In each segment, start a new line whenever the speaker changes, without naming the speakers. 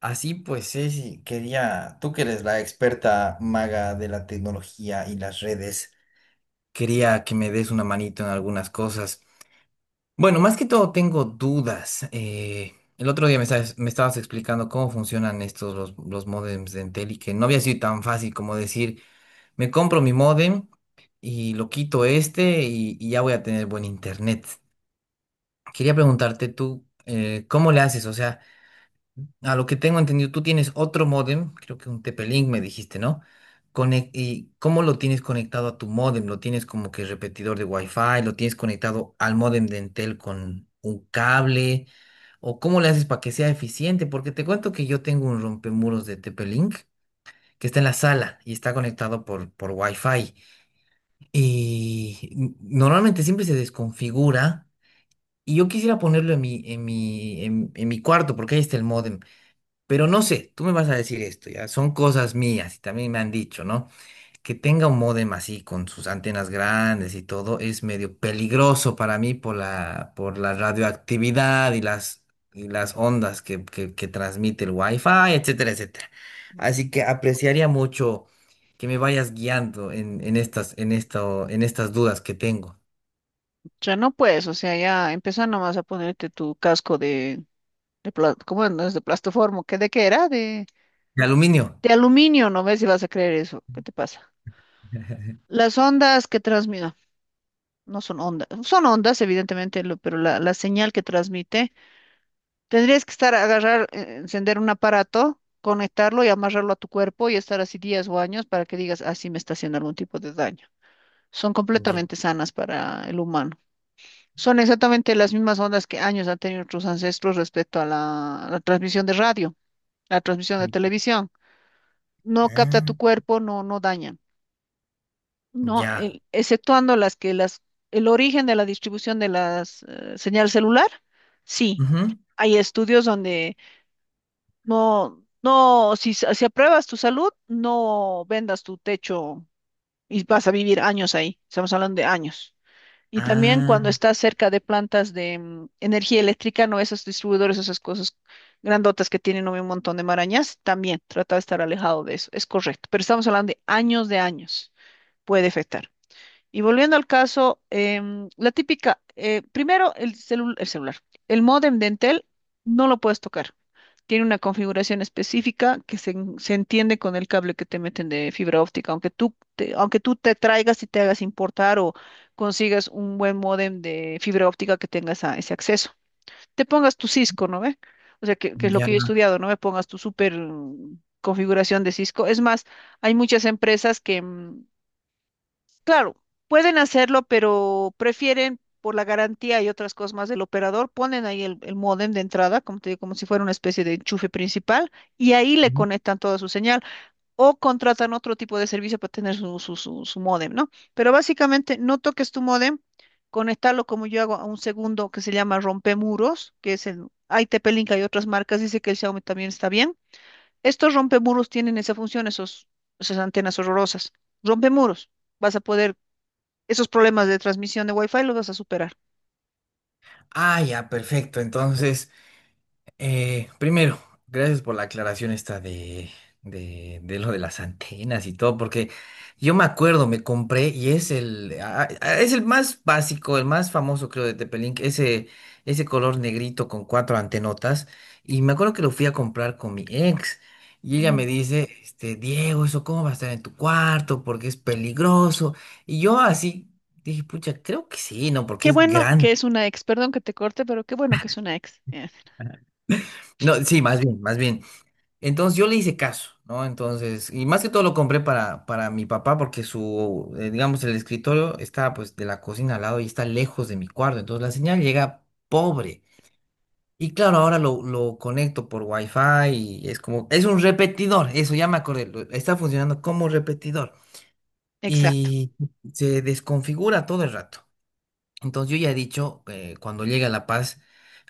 Así pues, Ceci, quería, tú que eres la experta maga de la tecnología y las redes, quería que me des una manito en algunas cosas. Bueno, más que todo tengo dudas. El otro día estabas me estabas explicando cómo funcionan estos los módems de Entel y que no había sido tan fácil como decir, me compro mi módem y lo quito este y ya voy a tener buen internet. Quería preguntarte tú, ¿cómo le haces? O sea... A lo que tengo entendido, tú tienes otro módem, creo que un TP-Link me dijiste, ¿no? ¿Y cómo lo tienes conectado a tu módem? ¿Lo tienes como que repetidor de Wi-Fi? ¿Lo tienes conectado al módem de Entel con un cable? ¿O cómo le haces para que sea eficiente? Porque te cuento que yo tengo un rompemuros de TP-Link que está en la sala y está conectado por Wi-Fi. Y normalmente siempre se desconfigura. Y yo quisiera ponerlo en en mi cuarto, porque ahí está el módem. Pero no sé, tú me vas a decir esto, ya, son cosas mías y también me han dicho, ¿no? Que tenga un módem así con sus antenas grandes y todo es medio peligroso para mí por por la radioactividad y y las ondas que transmite el wifi, etcétera, etcétera.
Mm.
Así que apreciaría mucho que me vayas guiando en, en esto, en estas dudas que tengo.
Ya no puedes, o sea, ya empieza nomás a ponerte tu casco ¿cómo no es de plastoformo? ¿Qué de qué era?
De aluminio.
De aluminio, no ves si vas a creer eso. ¿Qué te pasa? Las ondas que transmiten no son ondas, son ondas, evidentemente, pero la señal que transmite, tendrías que estar a agarrar, encender un aparato, conectarlo y amarrarlo a tu cuerpo y estar así días o años para que digas, así me está haciendo algún tipo de daño. Son
Ya.
completamente sanas para el humano. Son exactamente las mismas ondas que años han tenido nuestros ancestros respecto a la transmisión de radio, la transmisión de televisión. No capta
Ah,
tu cuerpo, no, no daña, ¿no?
ya.
Exceptuando las que las, el origen de la distribución de las señal celular, sí.
Ujú.
Hay estudios donde no, no, si, si apruebas tu salud, no vendas tu techo y vas a vivir años ahí. Estamos hablando de años. Y también
Ah,
cuando estás cerca de plantas de energía eléctrica, no esos distribuidores, esas cosas grandotas que tienen, ¿no?, un montón de marañas, también trata de estar alejado de eso. Es correcto, pero estamos hablando de años, puede afectar. Y volviendo al caso, la típica, primero el celular, el módem de Entel no lo puedes tocar, tiene una configuración específica que se entiende con el cable que te meten de fibra óptica. Aunque tú te traigas y te hagas importar o consigas un buen módem de fibra óptica que tenga ese acceso. Te pongas tu Cisco, ¿no ve? O sea, que es lo que yo he
ya.
estudiado, ¿no? Me pongas tu super configuración de Cisco. Es más, hay muchas empresas que, claro, pueden hacerlo, pero prefieren por la garantía y otras cosas más del operador, ponen ahí el módem de entrada, como te digo, como si fuera una especie de enchufe principal, y ahí le conectan toda su señal, o contratan otro tipo de servicio para tener su módem, ¿no? Pero básicamente no toques tu módem, conectarlo como yo hago a un segundo que se llama rompemuros, que es el ITP-Link, hay otras marcas, dice que el Xiaomi también está bien. Estos rompemuros tienen esa función, esos, esas antenas horrorosas. Rompemuros vas a poder esos problemas de transmisión de Wi-Fi los vas a superar.
Ah, ya, perfecto. Entonces, primero, gracias por la aclaración esta de lo de las antenas y todo, porque yo me acuerdo, me compré y es es el más básico, el más famoso, creo, de Tepelink, ese color negrito con cuatro antenotas. Y me acuerdo que lo fui a comprar con mi ex. Y ella me
Mm.
dice, este, Diego, ¿eso cómo va a estar en tu cuarto? Porque es peligroso. Y yo así dije, pucha, creo que sí, ¿no? Porque
Qué
es
bueno que
grande.
es una ex, perdón que te corte, pero qué bueno que es una ex.
No, sí, más bien, más bien. Entonces yo le hice caso, ¿no? Entonces, y más que todo lo compré para mi papá porque su, digamos, el escritorio está pues de la cocina al lado y está lejos de mi cuarto, entonces la señal llega pobre. Y claro, ahora lo conecto por wifi y es como, es un repetidor, eso ya me acordé, está funcionando como repetidor
Exacto.
y se desconfigura todo el rato. Entonces yo ya he dicho, cuando llegue a La Paz,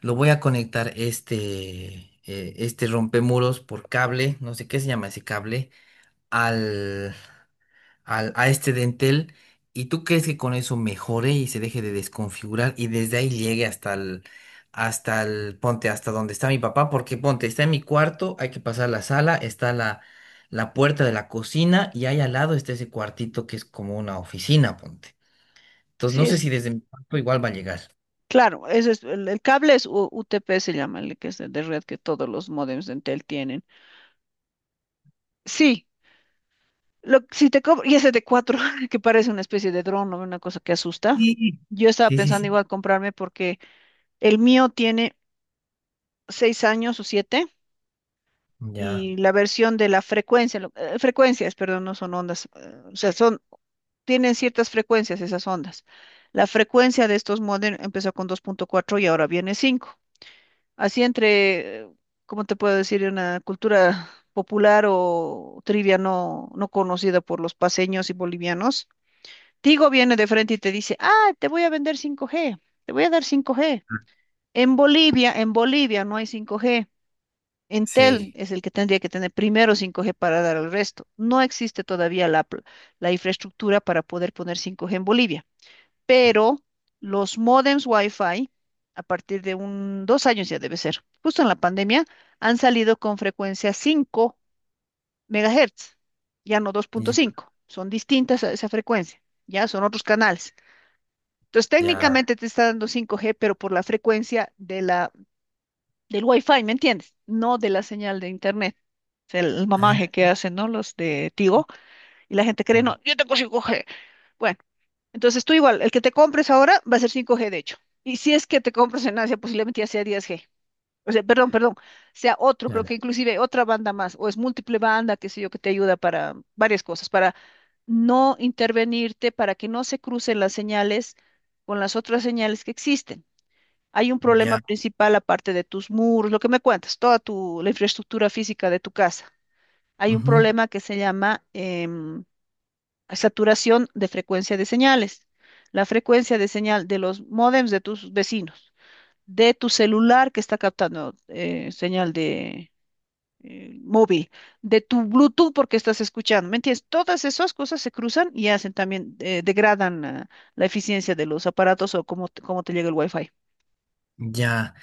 lo voy a conectar este, este rompemuros por cable, no sé qué se llama ese cable, al, a este dentel. ¿Y tú crees que con eso mejore y se deje de desconfigurar y desde ahí llegue hasta el, ponte, hasta donde está mi papá? Porque ponte, está en mi cuarto, hay que pasar la sala, está la puerta de la cocina y ahí al lado está ese cuartito que es como una oficina, ponte. Entonces
Sí,
no sé
es
si desde mi cuarto igual va a llegar.
claro, ese es, el cable es UTP, se llama, el que es de red que todos los módems de Entel tienen. Sí, lo, si te cobro, y ese de 4 que parece una especie de dron o una cosa que asusta.
Sí,
Yo estaba
sí, sí,
pensando
sí.
igual comprarme porque el mío tiene 6 años o 7
Ya,
y la versión de la frecuencia, frecuencias, perdón, no son ondas, o sea, son tienen ciertas frecuencias esas ondas. La frecuencia de estos módems empezó con 2.4 y ahora viene 5. Así entre, ¿cómo te puedo decir? Una cultura popular o trivia no, no conocida por los paseños y bolivianos. Tigo viene de frente y te dice, ah, te voy a vender 5G, te voy a dar 5G. En Bolivia no hay 5G. Entel
sí,
es el que tendría que tener primero 5G para dar al resto. No existe todavía la, la infraestructura para poder poner 5G en Bolivia, pero los módems Wi-Fi, a partir de un, 2 años ya debe ser, justo en la pandemia, han salido con frecuencia 5 megahertz, ya no dos punto
ya,
cinco son distintas a esa frecuencia, ya son otros canales. Entonces, ya,
ya,
técnicamente te está dando 5G pero por la frecuencia de del Wi-Fi, ¿me entiendes? No de la señal de Internet. O sea, el
ah,
mamaje que hacen, ¿no? Los de Tigo. Y la gente cree, no, yo tengo 5G. Entonces tú igual, el que te compres ahora va a ser 5G de hecho. Y si es que te compras en Asia, posiblemente ya sea 10G. O sea, perdón, perdón, sea otro, creo
ya,
que inclusive otra banda más, o es múltiple banda, qué sé yo, que te ayuda para varias cosas, para no intervenirte, para que no se crucen las señales con las otras señales que existen. Hay un problema
ya,
principal aparte de tus muros, lo que me cuentas, toda tu, la infraestructura física de tu casa. Hay un
ujú,
problema que se llama saturación de frecuencia de señales, la frecuencia de señal de los módems de tus vecinos, de tu celular que está captando señal de móvil, de tu Bluetooth porque estás escuchando, ¿me entiendes? Todas esas cosas se cruzan y hacen también, degradan la eficiencia de los aparatos o cómo, cómo te llega el wifi.
ya.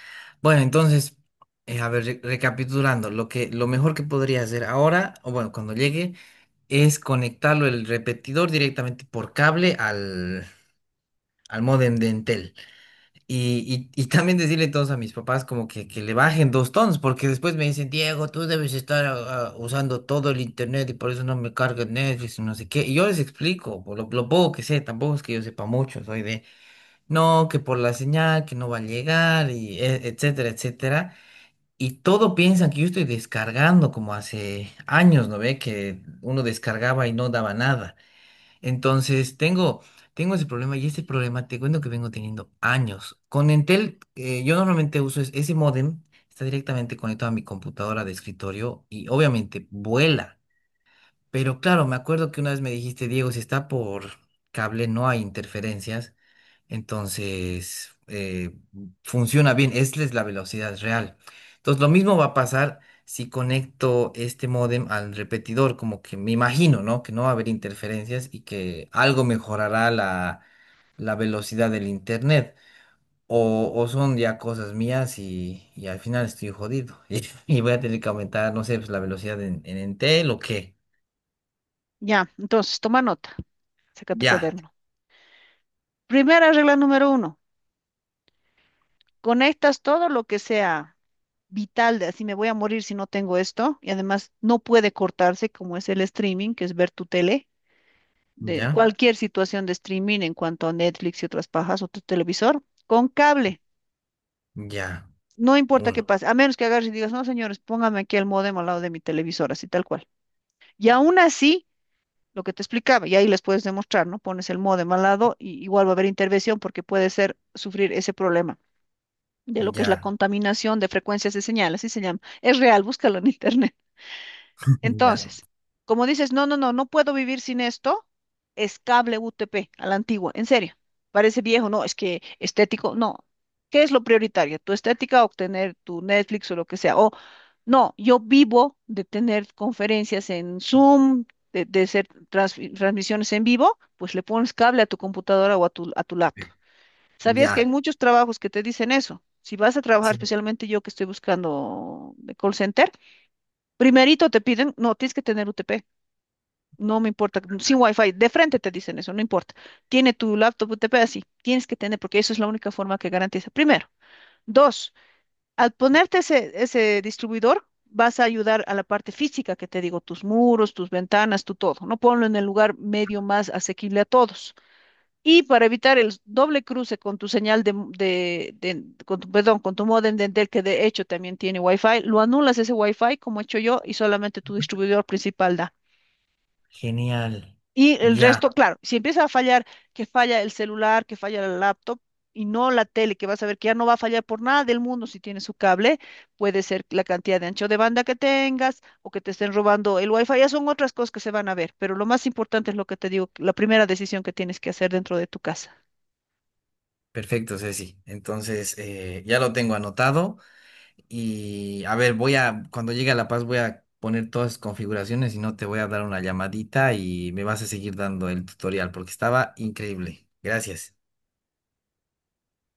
Bueno, entonces, a ver, recapitulando, lo mejor que podría hacer ahora, o bueno, cuando llegue, es conectarlo el repetidor directamente por cable al módem de Entel. Y también decirle todos a mis papás como que le bajen dos tonos, porque después me dicen, Diego, tú debes estar usando todo el internet y por eso no me carga Netflix y no sé qué. Y yo les explico, por lo poco que sé, tampoco es que yo sepa mucho, soy de, no, que por la señal, que no va a llegar, y etcétera, etcétera. Y todo piensan que yo estoy descargando como hace años, ¿no ve? Que uno descargaba y no daba nada. Entonces, tengo ese problema y ese problema te cuento que vengo teniendo años. Con Entel, yo normalmente uso ese módem, está directamente conectado a mi computadora de escritorio y obviamente vuela. Pero claro, me acuerdo que una vez me dijiste, Diego, si está por cable no hay interferencias. Entonces, funciona bien, esta es la velocidad real. Entonces, lo mismo va a pasar si conecto este módem al repetidor, como que me imagino, ¿no? Que no va a haber interferencias y que algo mejorará la, la velocidad del internet. O son ya cosas mías y al final estoy jodido. Y voy a tener que aumentar, no sé, pues, la velocidad en Entel o qué.
Ya, entonces, toma nota, saca tu
Ya,
cuaderno. Primera regla número uno, conectas todo lo que sea vital de así me voy a morir si no tengo esto, y además no puede cortarse como es el streaming, que es ver tu tele, de
ya,
cualquier situación de streaming en cuanto a Netflix y otras pajas o tu televisor, con cable.
ya,
No importa
uno,
qué pase, a menos que agarres y digas, no, señores, póngame aquí el módem al lado de mi televisor, así tal cual. Y aún así, lo que te explicaba, y ahí les puedes demostrar, ¿no? Pones el módem al lado y igual va a haber intervención porque puede ser sufrir ese problema de lo que es la
ya,
contaminación de frecuencias de señal, así se llama. Es real, búscalo en internet. Entonces, como dices, no, no, no, no puedo vivir sin esto, es cable UTP a la antigua, en serio. Parece viejo, no, es que estético, no. ¿Qué es lo prioritario? ¿Tu estética o tener tu Netflix o lo que sea? O no, yo vivo de tener conferencias en Zoom, de hacer transmisiones en vivo, pues le pones cable a tu computadora o a a tu laptop. ¿Sabías
ya,
que hay
ya.
muchos trabajos que te dicen eso? Si vas a trabajar, especialmente yo que estoy buscando de call center, primerito te piden, no, tienes que tener UTP. No me importa, sin wifi, de frente te dicen eso, no importa. Tiene tu laptop UTP así, tienes que tener, porque eso es la única forma que garantiza. Primero. Dos, al ponerte ese distribuidor, vas a ayudar a la parte física que te digo, tus muros, tus ventanas, tu todo, ¿no? Ponlo en el lugar medio más asequible a todos. Y para evitar el doble cruce con tu señal con tu, perdón, con tu módem de Entel, que de hecho también tiene wifi, lo anulas ese wifi como he hecho yo y solamente tu distribuidor principal da.
Genial.
Y el resto,
Ya,
claro, si empieza a fallar, que falla el celular, que falla la laptop y no la tele, que vas a ver que ya no va a fallar por nada del mundo si tiene su cable, puede ser la cantidad de ancho de banda que tengas o que te estén robando el wifi, ya son otras cosas que se van a ver, pero lo más importante es lo que te digo, la primera decisión que tienes que hacer dentro de tu casa.
perfecto, Ceci. Entonces, ya lo tengo anotado y a ver, voy a, cuando llegue a La Paz voy a poner todas las configuraciones y no te voy a dar una llamadita y me vas a seguir dando el tutorial porque estaba increíble. Gracias.